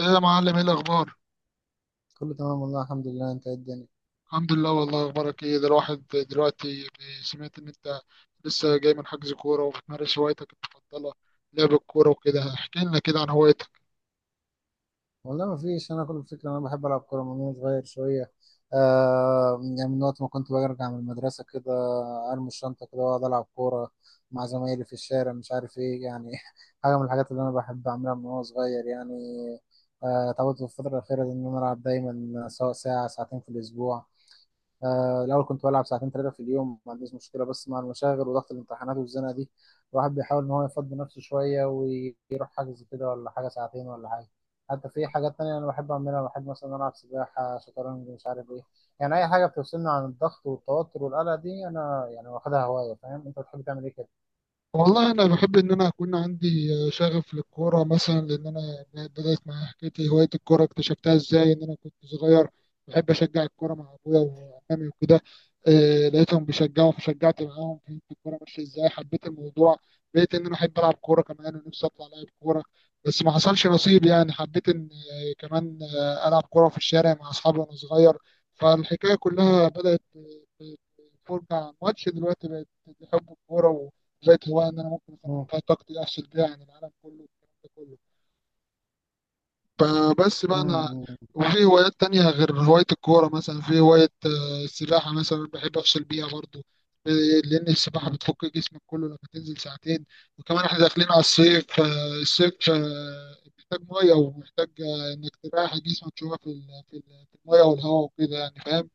ايه يا معلم، ايه الاخبار؟ كله تمام والله الحمد لله، انت ايه الدنيا؟ الحمد لله والله. اخبارك ايه ده الواحد دلوقتي؟ سمعت ان انت لسه جاي من حجز كوره وبتمارس هوايتك المفضله لعب الكوره وكده. احكي لنا كده عن هوايتك. والله ما فيش. انا كل الفكره انا بحب العب كوره من وانا صغير شويه. يعني من وقت ما كنت برجع من المدرسه كده ارمي الشنطه كده واقعد العب كوره مع زمايلي في الشارع، مش عارف ايه يعني حاجه من الحاجات اللي انا بحب اعملها من وانا صغير يعني. اتعودت في الفتره الاخيره دي ان انا العب دايما سواء ساعه ساعتين في الاسبوع. الأول كنت بلعب ساعتين 3 في اليوم، ما عنديش مشكلة بس مع المشاغل وضغط الامتحانات والزنقة دي. الواحد بيحاول إن هو يفضي نفسه شوية ويروح حجز كده ولا حاجة ساعتين ولا حاجة. حتى في حاجات تانية أنا بحب أعملها، بحب مثلا ألعب سباحة شطرنج مش عارف إيه. يعني أي حاجة بتفصلني عن الضغط والتوتر والقلق دي أنا يعني واخدها هواية. فاهم؟ أنت بتحب تعمل إيه كده؟ والله انا بحب ان انا اكون عندي شغف للكوره مثلا، لان انا بدات مع حكايتي، هوايه الكوره اكتشفتها ازاي؟ ان انا كنت صغير بحب اشجع الكوره مع ابويا وعمامي وكده. لقيتهم بيشجعوا فشجعت معاهم، فهمت الكوره ماشيه ازاي، حبيت الموضوع، بقيت ان انا احب العب كوره كمان، ونفسي اطلع لاعب كوره بس ما حصلش نصيب. يعني حبيت ان آه، كمان آه، العب كوره في الشارع مع اصحابي وانا صغير. فالحكايه كلها بدات بالفرجه على الماتش، دلوقتي بقت بحب الكوره. لقيت هواية إن أنا ممكن أخرج مم. فيها طاقتي، أفصل بيها عن العالم كله والكلام ده كله. فبس بقى أنا، مم. وفي هوايات تانية غير هواية الكورة. مثلا في هواية السباحة، مثلا بحب أفصل بيها برضو. آه، لأن السباحة مم. بتفك جسمك كله لما تنزل ساعتين. وكمان إحنا داخلين على الصيف، فالصيف محتاج مية ومحتاج إنك تريح جسمك شوية في المية والهواء وكده. يعني فاهم؟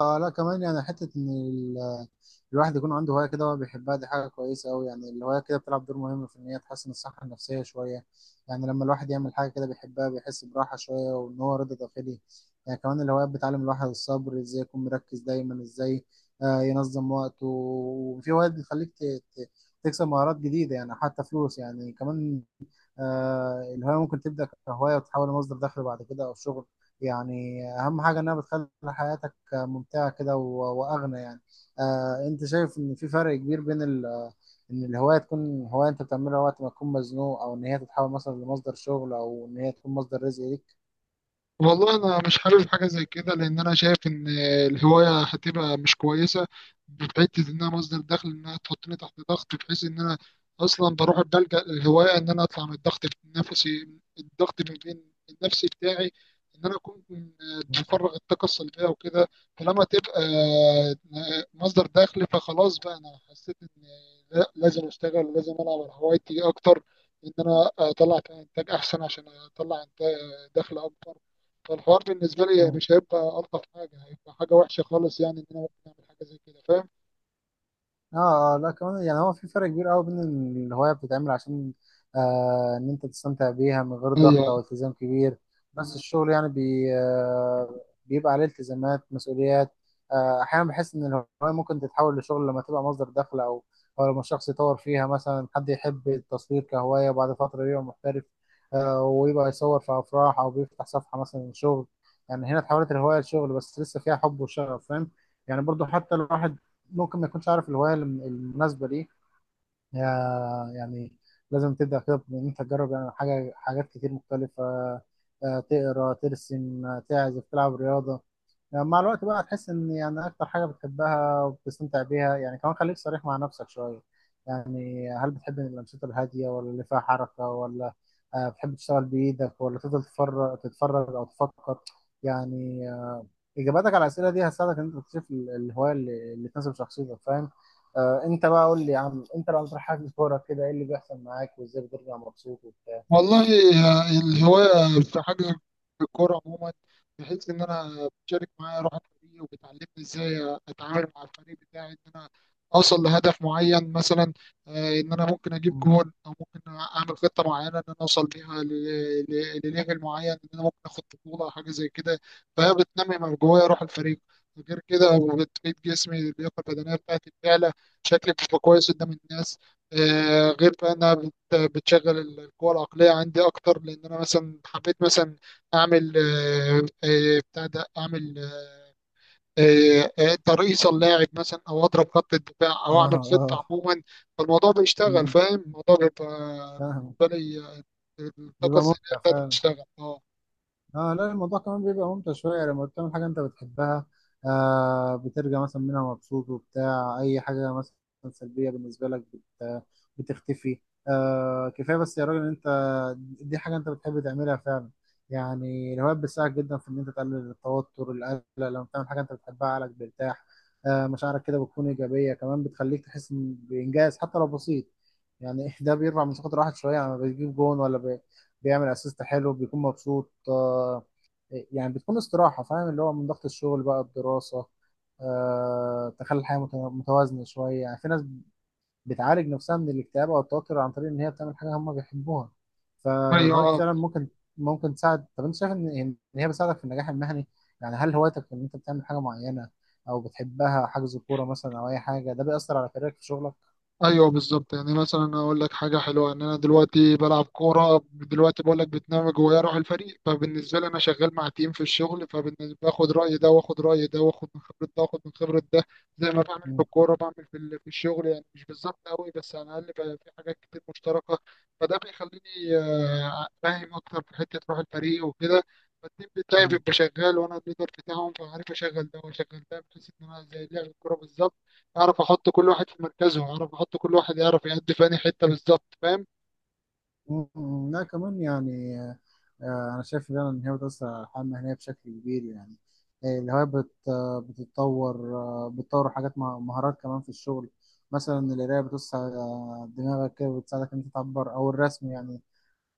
اه لا كمان يعني حتة ان الواحد يكون عنده هواية كده هو بيحبها، دي حاجة كويسة أوي. يعني الهواية كده بتلعب دور مهم في إن هي تحسن الصحة النفسية شوية. يعني لما الواحد يعمل حاجة كده بيحبها بيحس براحة شوية وإن هو رضا داخلي. يعني كمان الهوايات بتعلم الواحد الصبر، إزاي يكون مركز دايما، إزاي ينظم وقته. وفي هوايات بتخليك ت- تكسب مهارات جديدة يعني حتى فلوس يعني كمان. الهواية ممكن تبدأ كهواية وتتحول لمصدر دخل بعد كده أو شغل. يعني أهم حاجة إنها بتخلي حياتك ممتعة كده وأغنى يعني. أنت شايف إن في فرق كبير بين ال إن الهواية تكون هواية أنت بتعملها وقت ما تكون مزنوق، أو إن هي تتحول مثلا لمصدر شغل أو إن هي تكون مصدر رزق والله انا مش حابب حاجه زي كده، لان انا شايف ان الهوايه هتبقى مش كويسه بحيث انها مصدر دخل. انها تحطني تحت ضغط بحيث ان انا اصلا بروح بلجأ للهوايه ان انا اطلع من الضغط النفسي، الضغط النفسي بتاعي، ان انا اكون بفرغ الطاقه السلبيه وكده. فلما تبقى مصدر دخل فخلاص بقى، انا حسيت ان لا، لازم اشتغل، لازم العب على هوايتي اكتر، ان انا اطلع فيها انتاج احسن عشان اطلع انتاج دخل اكبر. فالحوار بالنسبة لي ليك؟ مش هيبقى ألطف حاجة، هيبقى حاجة وحشة خالص. يعني إن أنا ممكن أعمل حاجة زي كده، فاهم؟ اه اه لا كمان يعني هو في فرق كبير قوي بين الهواية بتتعمل عشان ان انت تستمتع بيها من غير ضغط هي او التزام كبير. بس الشغل يعني بي آه بيبقى عليه التزامات مسؤوليات. احيانا بحس ان الهواية ممكن تتحول لشغل لما تبقى مصدر دخل او لما الشخص يطور فيها، مثلا حد يحب التصوير كهواية وبعد فترة يبقى محترف. ويبقى يصور في افراح او بيفتح صفحة مثلا شغل. يعني هنا اتحولت الهواية لشغل بس لسه فيها حب وشغف، فاهم؟ يعني برضو حتى الواحد ممكن ما يكونش عارف الهوايه المناسبه ليه. يعني لازم تبدا كده بان انت تجرب، يعني حاجات كتير مختلفه. تقرا ترسم تعزف تلعب رياضه. يعني مع الوقت بقى هتحس ان يعني اكتر حاجه بتحبها وبتستمتع بيها. يعني كمان خليك صريح مع نفسك شويه. يعني هل بتحب الانشطه الهاديه ولا اللي فيها حركه، ولا بتحب تشتغل بايدك ولا تفضل تفرج تتفرج او تفكر يعني؟ اجاباتك على الاسئله دي هتساعدك ان انت تكتشف الهوايه اللي تناسب شخصيتك، فاهم؟ انت بقى قول لي يا عم، انت لو هتروح حجز كوره كده ايه اللي بيحصل معاك وازاي بترجع مبسوط وبتاع؟ والله، الهواية في حجز الكورة عموما، بحيث إن أنا بشارك معايا روح الفريق، وبتعلمني إزاي أتعامل مع الفريق بتاعي، إن أنا أوصل لهدف معين مثلا. إن أنا ممكن أجيب مم. جول، أو ممكن أعمل خطة معينة إن أنا أوصل بيها لليفل معين، إن أنا ممكن آخد بطولة أو حاجة زي كده. فهي بتنمي من جوايا روح الفريق. غير كده، وبتفيد جسمي، اللياقة البدنية بتاعتي بتعلى، شكلي بيبقى كويس قدام الناس. غير بقى بتشغل القوى العقلية عندي أكتر، لأن أنا مثلا حبيت مثلا أعمل آه، آه، بتاع ده أعمل ترقيصة اللاعب مثلا، أو أضرب خط الدفاع، اه أو أعمل اه. خطة عموما. فالموضوع بيشتغل، مم. فاهم؟ الموضوع بيبقى فاهم. بالنسبة لي الطاقة بيبقى الذهنية ممتع بتاعتي فعلا. بتشتغل، أه. اه لا الموضوع كمان بيبقى ممتع شوية يعني لما بتعمل حاجة انت بتحبها. بترجع مثلا منها مبسوط وبتاع، اي حاجة مثلا سلبية بالنسبة لك بتختفي. كفاية بس يا راجل ان انت دي حاجة انت بتحب تعملها فعلا. يعني الهوايات بتساعدك جدا في ان انت تقلل التوتر القلق، لما بتعمل حاجة انت بتحبها عقلك بيرتاح. مشاعرك كده بتكون ايجابية كمان، بتخليك تحس بانجاز حتى لو بسيط. يعني ده بيرفع من ثقة الواحد شوية، يعني لما بيجيب جون ولا بيعمل اسيست حلو بيكون مبسوط. يعني بتكون استراحة، فاهم اللي هو من ضغط الشغل بقى الدراسة. تخلي الحياة متوازنة شوية. يعني في ناس بتعالج نفسها من الاكتئاب أو التوتر عن طريق إن هي بتعمل حاجة هم بيحبوها. فالهوايات أيوه، فعلا ممكن تساعد. طب أنت شايف إن هي بتساعدك في النجاح المهني؟ يعني هل هوايتك إن أنت بتعمل حاجة معينة أو بتحبها حجز كورة مثلا أو أي حاجة، ده بيأثر على كاريرك في شغلك؟ ايوه بالظبط. يعني مثلا اقول لك حاجه حلوه، ان انا دلوقتي بلعب كوره، دلوقتي بقول لك بتنام جوايا روح الفريق. فبالنسبه لي انا شغال مع تيم في الشغل، فبالنسبه باخد راي ده واخد راي ده، واخد من خبره ده واخد من خبره ده، زي ما بعمل في مم. الكوره بعمل في الشغل. يعني مش بالظبط قوي، بس على الاقل بقى في حاجات كتير مشتركه. فده بيخليني فاهم اكتر في حته روح الفريق وكده. فالتيم بتاعي مم. بيبقى شغال وانا الليدر بتاعهم، فعارف اشغل ده واشغل ده، بحيث ان انا زي لعب الكوره بالظبط، اعرف احط كل واحد في مركزه، اعرف احط كل واحد يعرف يأدي في أنهي حتة بالظبط، فاهم؟ مم. لا كمان يعني أنا شايف فعلا إن هي بتأثر على الحياة المهنية بشكل كبير. يعني الهواية بت آه، بتتطور بتطور حاجات مهارات كمان في الشغل. مثلا القراية بتوسع دماغك كده وبتساعدك إن أنت تعبر، أو الرسم يعني.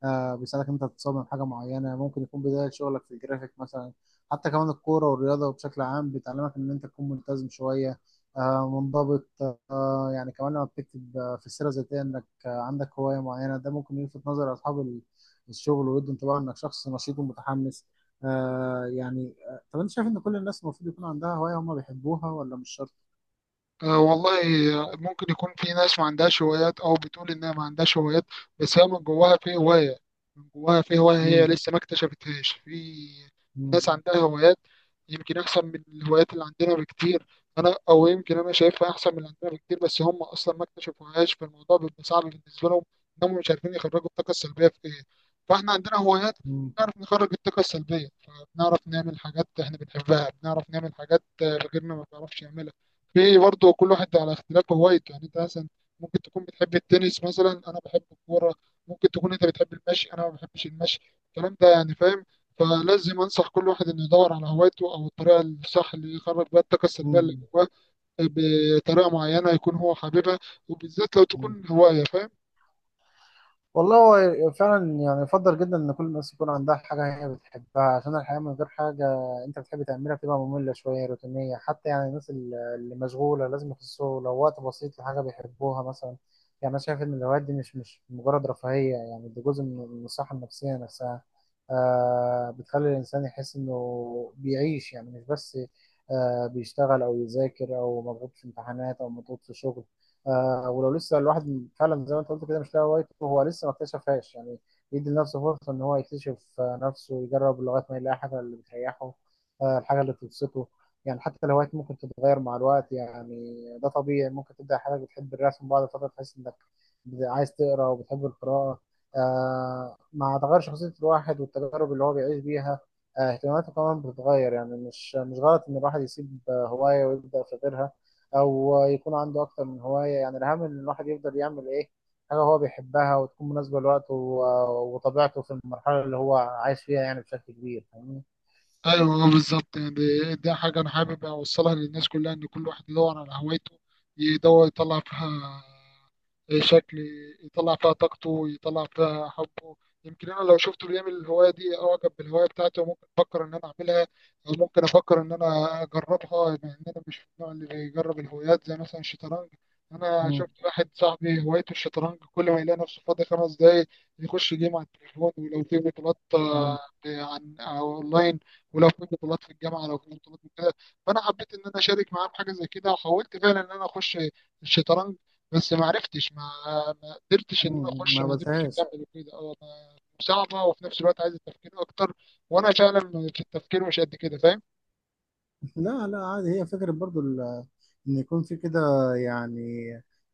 بيساعدك انت تتصمم حاجه معينه ممكن يكون بدايه شغلك في الجرافيك مثلا. حتى كمان الكوره والرياضه بشكل عام بتعلمك ان انت تكون ملتزم شويه، منضبط. يعني كمان لما بتكتب في السيره الذاتيه انك عندك هوايه معينه، ده ممكن يلفت نظر اصحاب الشغل، ويدوا انطباع انك شخص نشيط ومتحمس. يعني طب انت شايف ان كل الناس المفروض يكون عندها هوايه هم بيحبوها ولا مش شرط؟ أه والله، ممكن يكون في ناس ما عندهاش هوايات، أو بتقول إنها ما عندهاش هوايات، بس هي من جواها في هواية، من جواها في هواية هي مم. لسه ما اكتشفتهاش. في مم. ناس عندها هوايات يمكن أحسن من الهوايات اللي عندنا بكتير. أنا أو يمكن أنا شايفها أحسن من اللي عندنا بكتير، بس هم أصلا ما اكتشفوهاش، فالموضوع بيبقى صعب بالنسبة لهم، إنهم مش عارفين يخرجوا الطاقة السلبية في إيه. فإحنا عندنا هوايات مم. بنعرف نخرج الطاقة السلبية، فبنعرف نعمل حاجات إحنا بنحبها، بنعرف نعمل حاجات غيرنا ما بيعرفش يعملها. في برضه كل واحد على اختلاف هوايته، يعني انت مثلا ممكن تكون بتحب التنس مثلا، انا بحب الكوره، ممكن تكون انت بتحب المشي، انا ما بحبش المشي، الكلام ده يعني، فاهم؟ فلازم انصح كل واحد انه يدور على هوايته، او الطريقه الصح اللي يخرج بيها الطاقه السلبيه اللي مم. جواه بطريقه معينه يكون هو حاببها، وبالذات لو مم. تكون هوايه، فاهم؟ والله هو فعلا يعني يفضل جدا ان كل الناس يكون عندها حاجة هي بتحبها، عشان الحياة من غير حاجة انت بتحب تعملها بتبقى مملة شوية روتينية. حتى يعني الناس اللي مشغولة لازم يخصصوا لو وقت بسيط لحاجة بيحبوها مثلا. يعني انا شايف ان الهوايات دي مش مجرد رفاهية، يعني دي جزء من الصحة النفسية نفسها. بتخلي الانسان يحس انه بيعيش، يعني مش بس بيشتغل او يذاكر او مضغوط في امتحانات او مضغوط في شغل. ولو لسه الواحد فعلا زي ما انت قلت كده مش لاقي هوايته هو لسه ما اكتشفهاش، يعني يدي لنفسه فرصة ان هو يكتشف نفسه ويجرب لغاية ما يلاقي حاجة اللي بتريحه. الحاجة اللي بتبسطه. يعني حتى الهوايات ممكن تتغير مع الوقت، يعني ده طبيعي ممكن تبدأ حاجة بتحب الرسم بعد فترة تحس انك عايز تقرا وبتحب القراءة. مع تغير شخصية الواحد والتجارب اللي هو بيعيش بيها اهتماماته كمان بتتغير. يعني مش غلط ان الواحد يسيب هواية ويبدأ في غيرها، او يكون عنده اكتر من هوايه. يعني الاهم ان الواحد يفضل يعمل ايه حاجه هو بيحبها وتكون مناسبه لوقته وطبيعته في المرحله اللي هو عايش فيها يعني بشكل كبير، فاهمني؟ ايوه بالظبط. يعني دي حاجه انا حابب اوصلها للناس كلها، ان كل واحد يدور على هوايته، يدور يطلع فيها شكل يطلع فيها طاقته ويطلع فيها حبه. يمكن انا لو شفته بيعمل الهوايه دي، اعجب بالهوايه بتاعته وممكن افكر ان انا اعملها، او ممكن افكر ان انا اجربها، مع ان انا مش من النوع اللي بيجرب الهوايات، زي مثلا الشطرنج. انا مم. شفت واحد صاحبي هوايته الشطرنج، كل ما يلاقي نفسه فاضي 5 دقايق يخش جيم على التليفون. ولو في بطولات مم. عن أو اونلاين، ولو في بطولات في الجامعه، لو في بطولات وكده. فانا حبيت ان انا اشارك معاه في حاجه زي كده، وحاولت فعلا ان انا اخش الشطرنج، بس ما عرفتش، ما قدرتش، ان انا مم. اخش ما ما قدرتش قبلتهاش. اكمل وكده. صعبه، وفي نفس الوقت عايزه تفكير اكتر، وانا فعلا في التفكير مش قد كده، فاهم؟ لا لا عادي، هي فكرة برضو إن يكون في كده يعني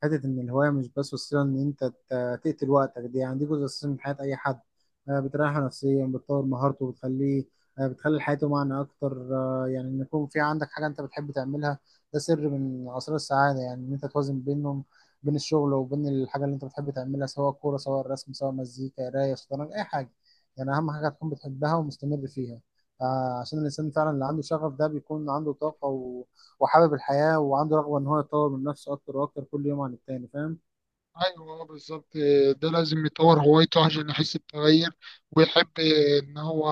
حتة إن الهواية مش بس وسيلة إن أنت تقتل وقتك دي، يعني دي جزء أساسي من حياة أي حد. بتريحه نفسيا بتطور مهارته بتخليه بتخلي حياته معنى أكتر. يعني إن يكون في عندك حاجة أنت بتحب تعملها ده سر من أسرار السعادة، يعني إن أنت توازن بينهم، بين الشغل وبين الحاجة اللي أنت بتحب تعملها سواء كورة سواء رسم سواء مزيكا قراية شطرنج أي حاجة. يعني أهم حاجة تكون بتحبها ومستمر فيها. عشان الإنسان فعلا اللي عنده شغف ده بيكون عنده طاقة و... وحابب الحياة وعنده رغبة إن هو يطور من نفسه أكتر وأكتر كل يوم عن التاني، فاهم؟ ايوه بالظبط. ده لازم يطور هوايته عشان يحس بتغير، ويحب ان هو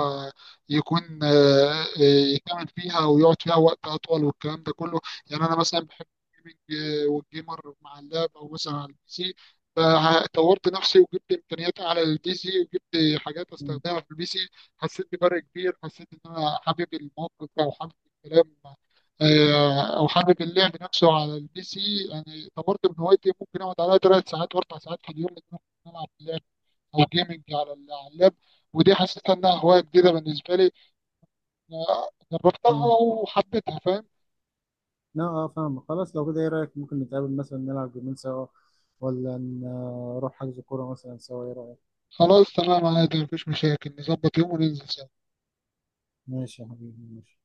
يكون يكمل فيها ويقعد فيها وقت اطول والكلام ده كله. يعني انا مثلا بحب الجيمنج والجيمر مع اللاب، او مثلا على البي سي. فطورت نفسي وجبت امكانياتي على البي سي، وجبت حاجات مم. استخدمها في البي سي، حسيت بفرق كبير، حسيت ان انا حابب الموقف، او حابب الكلام او حابب اللعب نفسه على البي سي. يعني طورت من هوايتي، ممكن اقعد عليها 3 ساعات واربع ساعات في اليوم، لان أنا ممكن العب او جيمنج على اللاب. ودي حسيت انها هوايه جديده بالنسبه لي، أنا جربتها مم. وحبيتها، فاهم؟ لا أه فاهم خلاص، لو كده إيه رأيك؟ ممكن نتقابل مثلا نلعب جيمين سوا، ولا نروح حجز كورة مثلا سوا، إيه رأيك؟ خلاص، تمام، عادي، مفيش مشاكل، نظبط يوم وننزل. ماشي يا حبيبي ماشي.